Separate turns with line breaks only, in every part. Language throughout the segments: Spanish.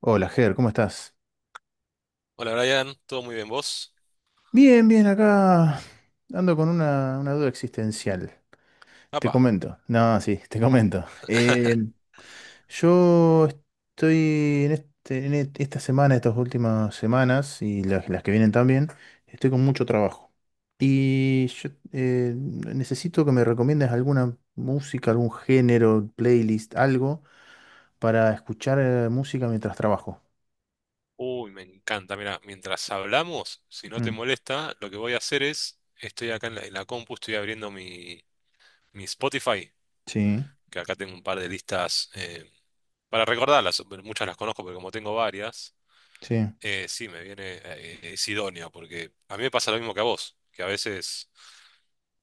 Hola, Ger, ¿cómo estás?
Hola Brian, ¿todo muy bien vos?
Bien, bien, acá ando con una duda existencial. Te
Apa.
comento. No, sí, te comento. Yo estoy en esta semana, estas últimas semanas y las que vienen también, estoy con mucho trabajo. Y yo necesito que me recomiendes alguna música, algún género, playlist, algo para escuchar música mientras trabajo.
Uy, me encanta. Mira, mientras hablamos, si no te
Mm,
molesta, lo que voy a hacer es, estoy acá en la compu, estoy abriendo mi Spotify,
sí,
que acá tengo un par de listas para recordarlas, pero muchas las conozco, pero como tengo varias,
sí.
sí, me viene, es idóneo, porque a mí me pasa lo mismo que a vos, que a veces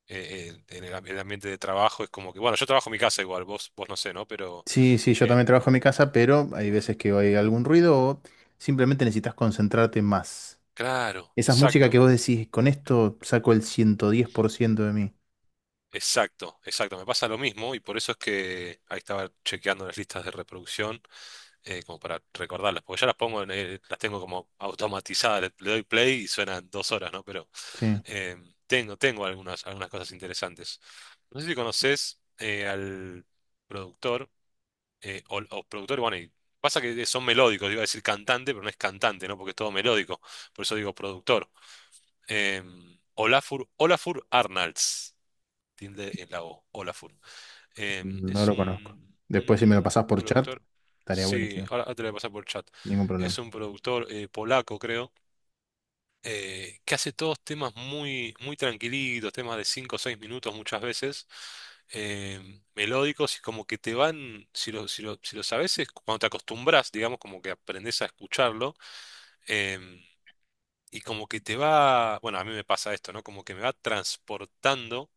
el ambiente de trabajo es como que, bueno, yo trabajo en mi casa igual, vos no sé, ¿no? Pero,
Sí, sí, yo
eh,
también trabajo en mi casa, pero hay veces que hay algún ruido o simplemente necesitas concentrarte más.
claro,
Esas músicas que
exacto.
vos decís, con esto saco el 110% de mí.
Exacto, exacto, me pasa lo mismo y por eso es que ahí estaba chequeando las listas de reproducción como para recordarlas, porque ya las pongo, las tengo como automatizadas, le doy play y suenan 2 horas, ¿no? Pero
Sí,
eh, tengo algunas, algunas cosas interesantes. No sé si conoces al productor o, productor, bueno, y pasa que son melódicos, iba a decir cantante, pero no es cantante, ¿no? Porque es todo melódico, por eso digo productor. Olafur, Olafur Arnalds, tilde en la O, Olafur.
no
Es
lo conozco.
un,
Después si me lo
un
pasás por chat,
productor.
estaría
Sí,
buenísimo.
ahora te lo voy a pasar por chat.
Ningún
Es
problema.
un productor polaco, creo, que hace todos temas muy, muy tranquilitos, temas de 5 o 6 minutos muchas veces, melódicos y como que te van, si lo sabes, es cuando te acostumbras, digamos, como que aprendes a escucharlo, em, y como que te va, bueno, a mí me pasa esto, ¿no? Como que me va transportando,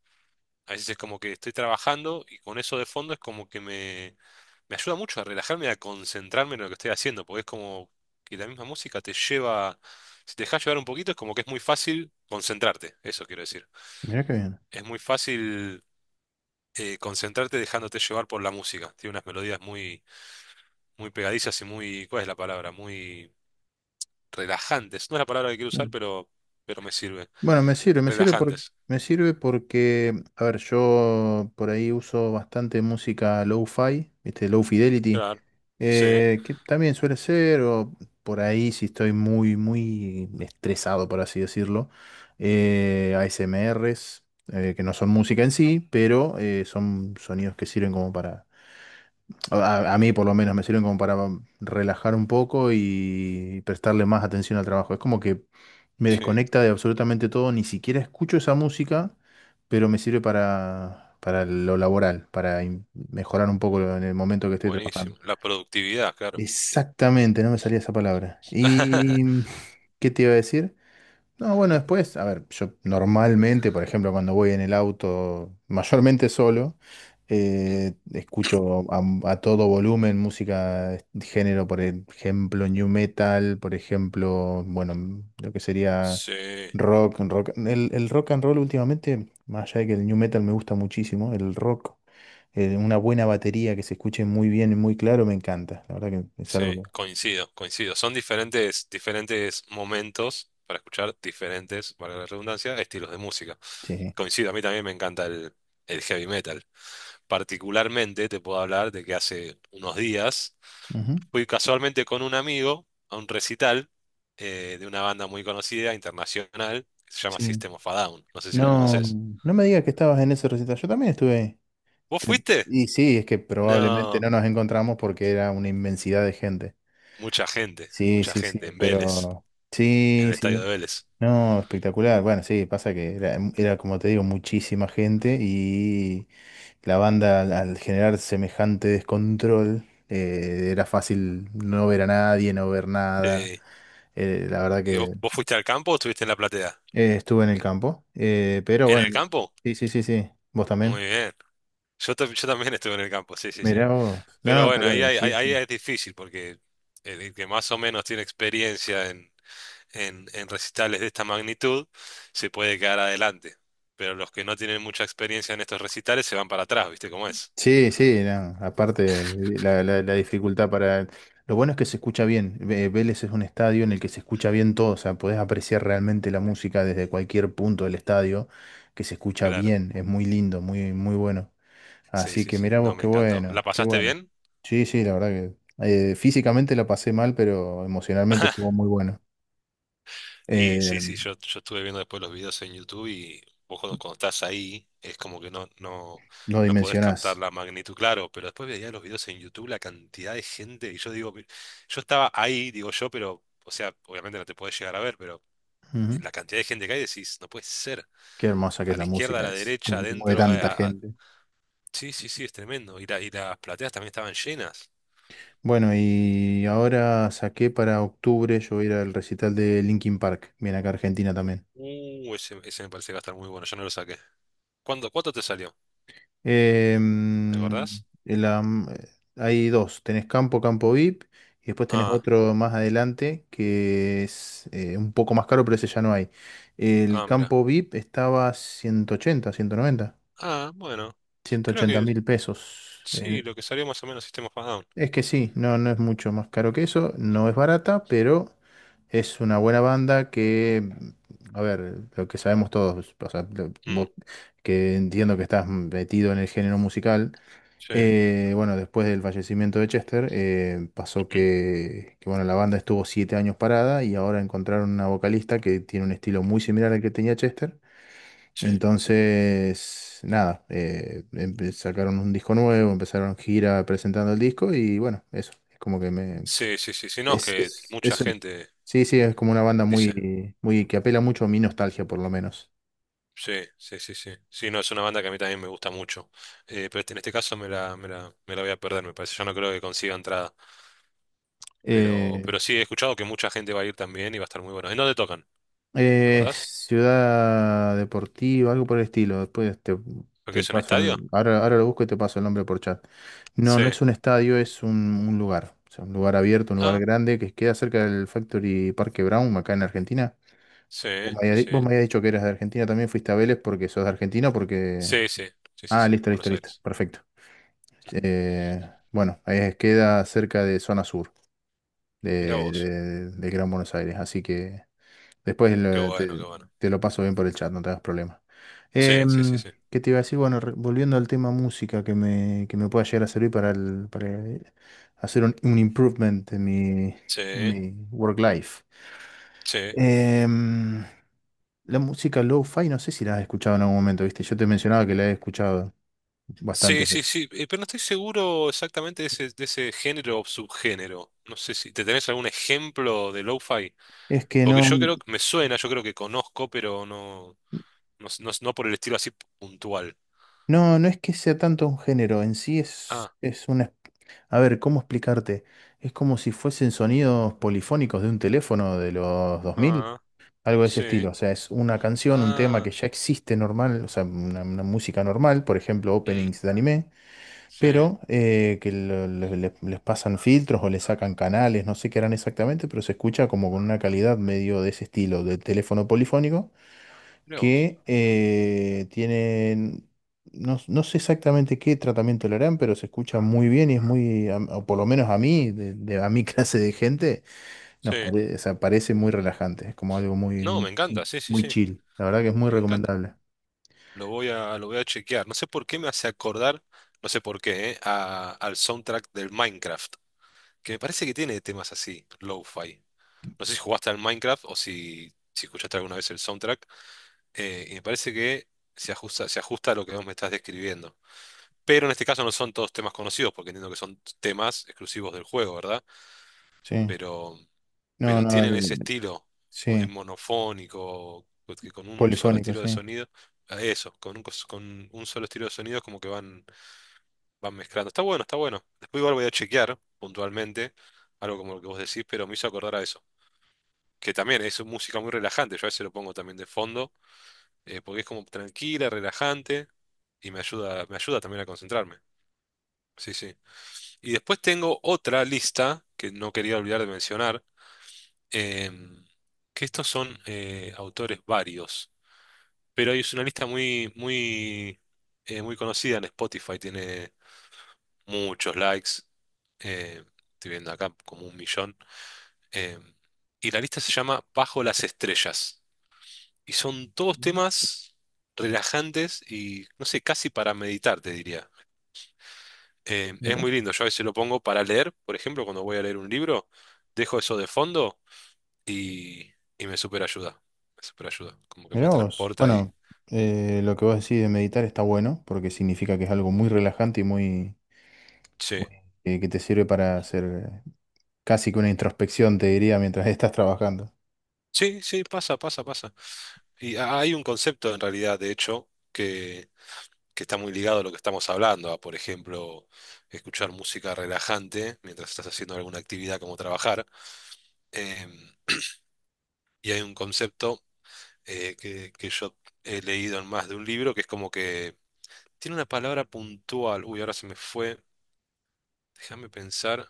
a veces es como que estoy trabajando y con eso de fondo es como que me ayuda mucho a relajarme y a concentrarme en lo que estoy haciendo, porque es como que la misma música te lleva, si te dejas llevar un poquito, es como que es muy fácil concentrarte, eso quiero decir.
Mirá qué bien.
Es muy fácil concentrarte dejándote llevar por la música. Tiene unas melodías muy, muy pegadizas y muy, ¿cuál es la palabra? Muy relajantes. No es la palabra que quiero usar, pero me sirve.
Bueno, me sirve,
Relajantes.
me sirve porque, a ver, yo por ahí uso bastante música low-fi, ¿viste? Low fidelity,
Claro. Sí,
que también suele ser, o por ahí si estoy muy, muy estresado, por así decirlo, ASMRs, que no son música en sí, pero son sonidos que sirven como para a mí por lo menos me sirven como para relajar un poco y prestarle más atención al trabajo. Es como que me
sí.
desconecta de absolutamente todo, ni siquiera escucho esa música, pero me sirve para lo laboral, mejorar un poco en el momento que estoy
Buenísimo.
trabajando.
La productividad, claro.
Exactamente, no me salía esa palabra. ¿Y qué te iba a decir? No, bueno, después, a ver, yo normalmente, por ejemplo, cuando voy en el auto, mayormente solo,
Mm,
escucho a todo volumen música de género, por ejemplo, new metal, por ejemplo, bueno, lo que sería
sí,
rock, rock, el rock and roll últimamente, más allá de que el new metal me gusta muchísimo, el rock, una buena batería que se escuche muy bien y muy claro, me encanta. La verdad que es algo
sí,
que...
coincido, coincido. Son diferentes, diferentes momentos para escuchar diferentes, para la redundancia, estilos de música.
Sí.
Coincido, a mí también me encanta el heavy metal. Particularmente te puedo hablar de que hace unos días
Ujú,
fui casualmente con un amigo a un recital de una banda muy conocida, internacional, que se llama
sí.
System of a Down. No sé si la
No,
conoces.
no me digas que estabas en ese recital. Yo también estuve ahí.
¿Vos fuiste?
Y sí, es que probablemente
No,
no nos encontramos porque era una inmensidad de gente. Sí,
mucha
sí, sí,
gente en Vélez,
pero
en
sí,
el estadio
sí.
de Vélez.
No, espectacular. Bueno, sí, pasa que era, era, como te digo, muchísima gente y la banda al generar semejante descontrol, era fácil no ver a nadie, no ver nada.
Sí.
La verdad
¿Y vos,
que
vos fuiste al campo o estuviste en la platea?
estuve en el campo. Pero
¿En el
bueno,
campo?
sí, sí, sí, sí. ¿Vos también?
Muy bien. Yo también estuve en el campo, sí, sí, sí.
Mirá vos.
Pero
No,
bueno, ahí,
pero
hay- ahí,
sí,
ahí
sí.
es difícil porque el que más o menos tiene experiencia en recitales de esta magnitud se puede quedar adelante. Pero los que no tienen mucha experiencia en estos recitales se van para atrás, ¿viste cómo es?
Sí, sí, no. Aparte, la dificultad para... Lo bueno es que se escucha bien. Vélez es un estadio en el que se escucha bien todo. O sea, podés apreciar realmente la música desde cualquier punto del estadio, que se escucha
Claro.
bien. Es muy lindo, muy, muy bueno.
Sí,
Así
sí,
que
sí.
mirá
No,
vos,
me
qué
encantó. ¿La
bueno, qué
pasaste
bueno.
bien?
Sí, sí, la verdad que... físicamente la pasé mal, pero emocionalmente estuvo muy bueno.
Y
Eh,
sí, sí, yo estuve viendo después los videos en YouTube y vos cuando estás ahí es como que no, no,
no
no podés captar
dimensionás.
la magnitud, claro, pero después veía los videos en YouTube, la cantidad de gente, y yo digo, yo estaba ahí, digo yo, pero, o sea, obviamente no te podés llegar a ver, pero
Ujú.
la cantidad de gente que hay decís, no puede ser,
Qué hermosa que es
a la
la
izquierda, a
música,
la
es.
derecha,
Que mueve
adentro,
tanta gente.
sí, sí, sí, es tremendo, y, y las plateas también estaban llenas.
Bueno, y ahora saqué para octubre, yo voy a ir al recital de Linkin Park, viene acá a Argentina también.
Ese me parece que va a estar muy bueno, yo no lo saqué. ¿Cuánto te salió? ¿Te
Em,
acordás?
el hay dos, tenés Campo, Campo VIP, y después tenés
Ah,
otro más adelante que es un poco más caro, pero ese ya no hay. El
ah, mira.
Campo VIP estaba ciento ciento ochenta ciento noventa
Ah, bueno,
ciento
creo
ochenta
que
mil pesos.
sí, lo que salió más o menos System of a Down.
Es que sí, no, no es mucho más caro que eso, no es barata, pero es una buena banda que, mm, a ver, lo que sabemos todos, o sea,
Mm,
vos que entiendo que estás metido en el género musical,
sí, ujú,
bueno, después del fallecimiento de Chester, pasó bueno, la banda estuvo 7 años parada y ahora encontraron una vocalista que tiene un estilo muy similar al que tenía Chester
sí,
entonces, nada, sacaron un disco nuevo, empezaron gira presentando el disco y bueno, eso, es como que me...
sí, sí, sí, sí, no, es
Es,
que
es,
mucha
es un-
gente
sí, sí, es como una banda
dice,
muy, muy que apela mucho a mi nostalgia por lo menos.
sí, sí, sí, sí, sí, no, es una banda que a mí también me gusta mucho. Pero en este caso me la voy a perder, me parece, yo no creo que consiga entrada, pero,
Eh,
pero sí, he escuchado que mucha gente va a ir también y va a estar muy bueno. ¿En dónde tocan? ¿Te acordás?
Ciudad Deportiva, algo por el estilo,
¿Lo que es un estadio?
ahora, ahora lo busco y te paso el nombre por chat. No,
Sí,
no es un estadio, es un lugar, o sea, un lugar abierto, un lugar
ah,
grande que queda cerca del Factory Parque Brown, acá en Argentina.
sí, sí, sí,
Vos me habías dicho que eras de Argentina, también fuiste a Vélez porque sos de Argentina, porque...
sí, sí, sí, sí,
Ah,
sí,
listo, listo,
Buenos
listo,
Aires.
perfecto. Eh, bueno, queda cerca de zona sur
Mira vos,
de Gran Buenos Aires, así que Después
qué
lo-
bueno,
te,
qué bueno.
te lo paso bien por el chat, no te hagas problema.
Sí, sí, sí,
Em,
sí.
¿qué te iba a decir? Bueno, volviendo al tema música que me pueda llegar a servir para, para hacer un improvement en
Sí.
mi work life.
Sí.
Em, la música lo-fi, no sé si la has escuchado en algún momento, ¿viste? Yo te mencionaba que la he escuchado
Sí,
bastantes
sí,
veces.
sí, pero no estoy seguro exactamente de ese género o subgénero. No sé si te tenés algún ejemplo de lo-fi,
Es que
porque
no,
yo creo que me suena, yo creo que conozco, pero no por el estilo así puntual.
no, no es que sea tanto un género, en sí
Ah,
es una. A ver, ¿cómo explicarte? Es como si fuesen sonidos polifónicos de un teléfono de los 2000,
ah,
algo de ese
sí,
estilo. O sea, es una canción, un tema
ah,
que ya existe normal, o sea, una música normal, por ejemplo,
mm,
openings de anime,
sí,
pero que lo- le- les pasan filtros o le sacan canales, no sé qué harán exactamente, pero se escucha como con una calidad medio de ese estilo, del teléfono polifónico
mirá vos,
que tienen, no, no sé exactamente qué tratamiento le harán, pero se escucha muy bien y es muy, o por lo menos a mí, a mi clase de gente, nos
sí.
parece, o sea, parece muy relajante, es como algo muy,
No, me
muy,
encanta, sí, sí,
muy
sí,
chill. La verdad que es muy
me encanta.
recomendable.
Lo voy a chequear. No sé por qué me hace acordar, no sé por qué, al soundtrack del Minecraft, que me parece que tiene temas así, lo-fi. No sé si jugaste al Minecraft o si escuchaste alguna vez el soundtrack. Y me parece que se ajusta a lo que vos me estás describiendo. Pero en este caso no son todos temas conocidos, porque entiendo que son temas exclusivos del juego, ¿verdad?
Sí.
Pero,
No,
pero
no,
tienen ese estilo
sí,
monofónico, pues, que con un solo
polifónico,
estilo de
sí.
sonido. Ah, eso, con un solo estilo de sonido es como que van mezclando. Está bueno, está bueno. Después igual voy a chequear puntualmente algo como lo que vos decís, pero me hizo acordar a eso. Que también es música muy relajante, yo a veces lo pongo también de fondo, porque es como tranquila, relajante, y me ayuda también a concentrarme. Sí, sí. Y después tengo otra lista que no quería olvidar de mencionar, em, que estos son autores varios, pero es una lista muy, muy, muy conocida en Spotify, tiene muchos likes, eh, estoy viendo acá como 1 millón, em, y la lista se llama Bajo las Estrellas. Y son todos
Ujú.
temas relajantes y, no sé, casi para meditar, te diría. Es
Mirá.
muy lindo, yo a veces lo pongo para leer, por ejemplo, cuando voy a leer un libro, dejo eso de fondo y, y, me super ayuda, como que me
Mirá vos.
transporta y,
Bueno, lo que vos decís de meditar está bueno, porque significa que es algo muy relajante y muy,
sí,
que te sirve para hacer. Casi que una introspección, te diría, mientras estás trabajando.
sí, sí, pasa, pasa, pasa. Y hay un concepto en realidad, de hecho, que está muy ligado a lo que estamos hablando, a, por ejemplo, escuchar música relajante mientras estás haciendo alguna actividad como trabajar. em, y hay un concepto que yo he leído en más de un libro, que es como que tiene una palabra puntual. Uy, ahora se me fue. Déjame pensar.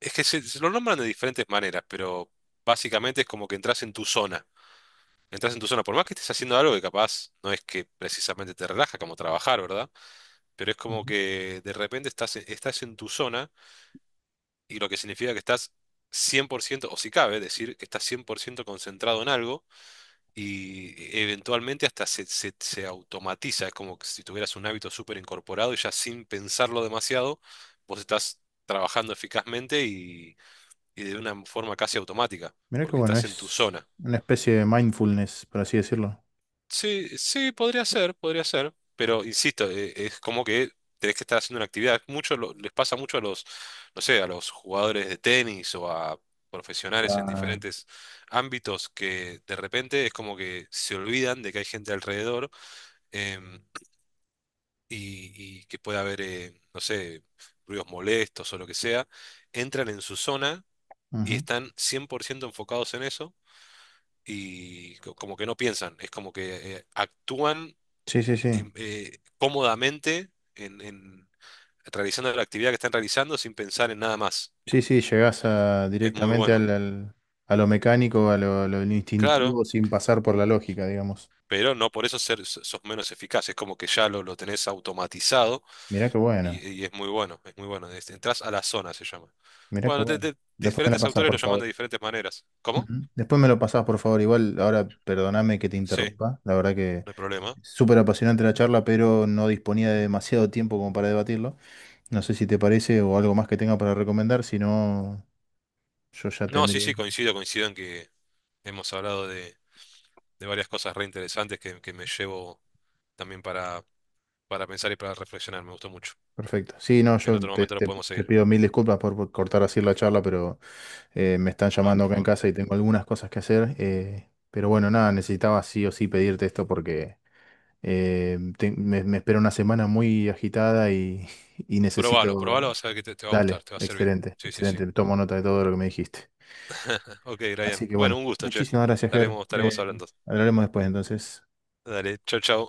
Es que se lo nombran de diferentes maneras, pero básicamente es como que entras en tu zona. Entras en tu zona, por más que estés haciendo algo que capaz no es que precisamente te relaja como trabajar, ¿verdad? Pero es como
Ujú.
que de repente estás en tu zona y lo que significa que estás 100% o si cabe decir que estás 100% concentrado en algo y eventualmente hasta se automatiza, es como que si tuvieras un hábito súper incorporado y ya sin pensarlo demasiado, vos estás trabajando eficazmente y, de una forma casi automática,
Mirá que
porque
bueno,
estás en tu
es
zona.
una especie de mindfulness, por así decirlo.
Sí, sí, podría ser, pero insisto, es como que tenés que estar haciendo una actividad. Mucho les pasa mucho a los, no sé, a los jugadores de tenis o a profesionales en
Claro.
diferentes ámbitos que de repente es como que se olvidan de que hay gente alrededor, em, y que pueda haber, no sé, ruidos molestos o lo que sea, entran en su zona y
Ujú.
están 100% enfocados en eso y como que no piensan, es como que actúan
Sí, sí, sí.
cómodamente, realizando la actividad que están realizando sin pensar en nada más.
Sí, sí, llegás a,
Es muy
directamente
bueno,
al, a lo mecánico, a lo
claro,
instintivo, sin pasar por la lógica, digamos.
pero no por eso sos menos eficaz, es como que ya lo tenés automatizado.
Mirá qué bueno,
Y es muy bueno, es muy bueno. Entrás a la zona, se llama.
mirá qué
Bueno,
bueno. Después me la
diferentes
pasás,
autores
por
lo llaman
favor.
de diferentes maneras. ¿Cómo?
Ujú. Después me lo pasás, por favor. Igual, ahora perdoname que te
Sí,
interrumpa. La verdad que
no hay problema.
súper apasionante la charla, pero no disponía de demasiado tiempo como para debatirlo. No sé si te parece o algo más que tenga para recomendar, si no, yo ya
No, sí,
tendría.
sí, coincido, coincido en que hemos hablado de varias cosas re interesantes que, me llevo también para pensar y para reflexionar. Me gustó mucho.
Perfecto. Sí, no,
En
yo
otro momento lo podemos
te
seguir,
pido mil disculpas por cortar así la charla, pero me están
¿no?
llamando
Por
acá en
favor.
casa y tengo algunas cosas que hacer. Pero bueno, nada, necesitaba sí o sí pedirte esto porque me espera una semana muy agitada y, y
Probalo,
necesito...
probalo, vas a ver que te va a
Dale,
gustar, te va a servir.
excelente,
Sí, sí, sí.
excelente. Tomo nota de todo lo que me dijiste.
Ok, Brian.
Así que
Bueno,
bueno,
un gusto, che.
muchísimas gracias, Ger.
Estaremos hablando.
Hablaremos después entonces.
Dale, chau, chau.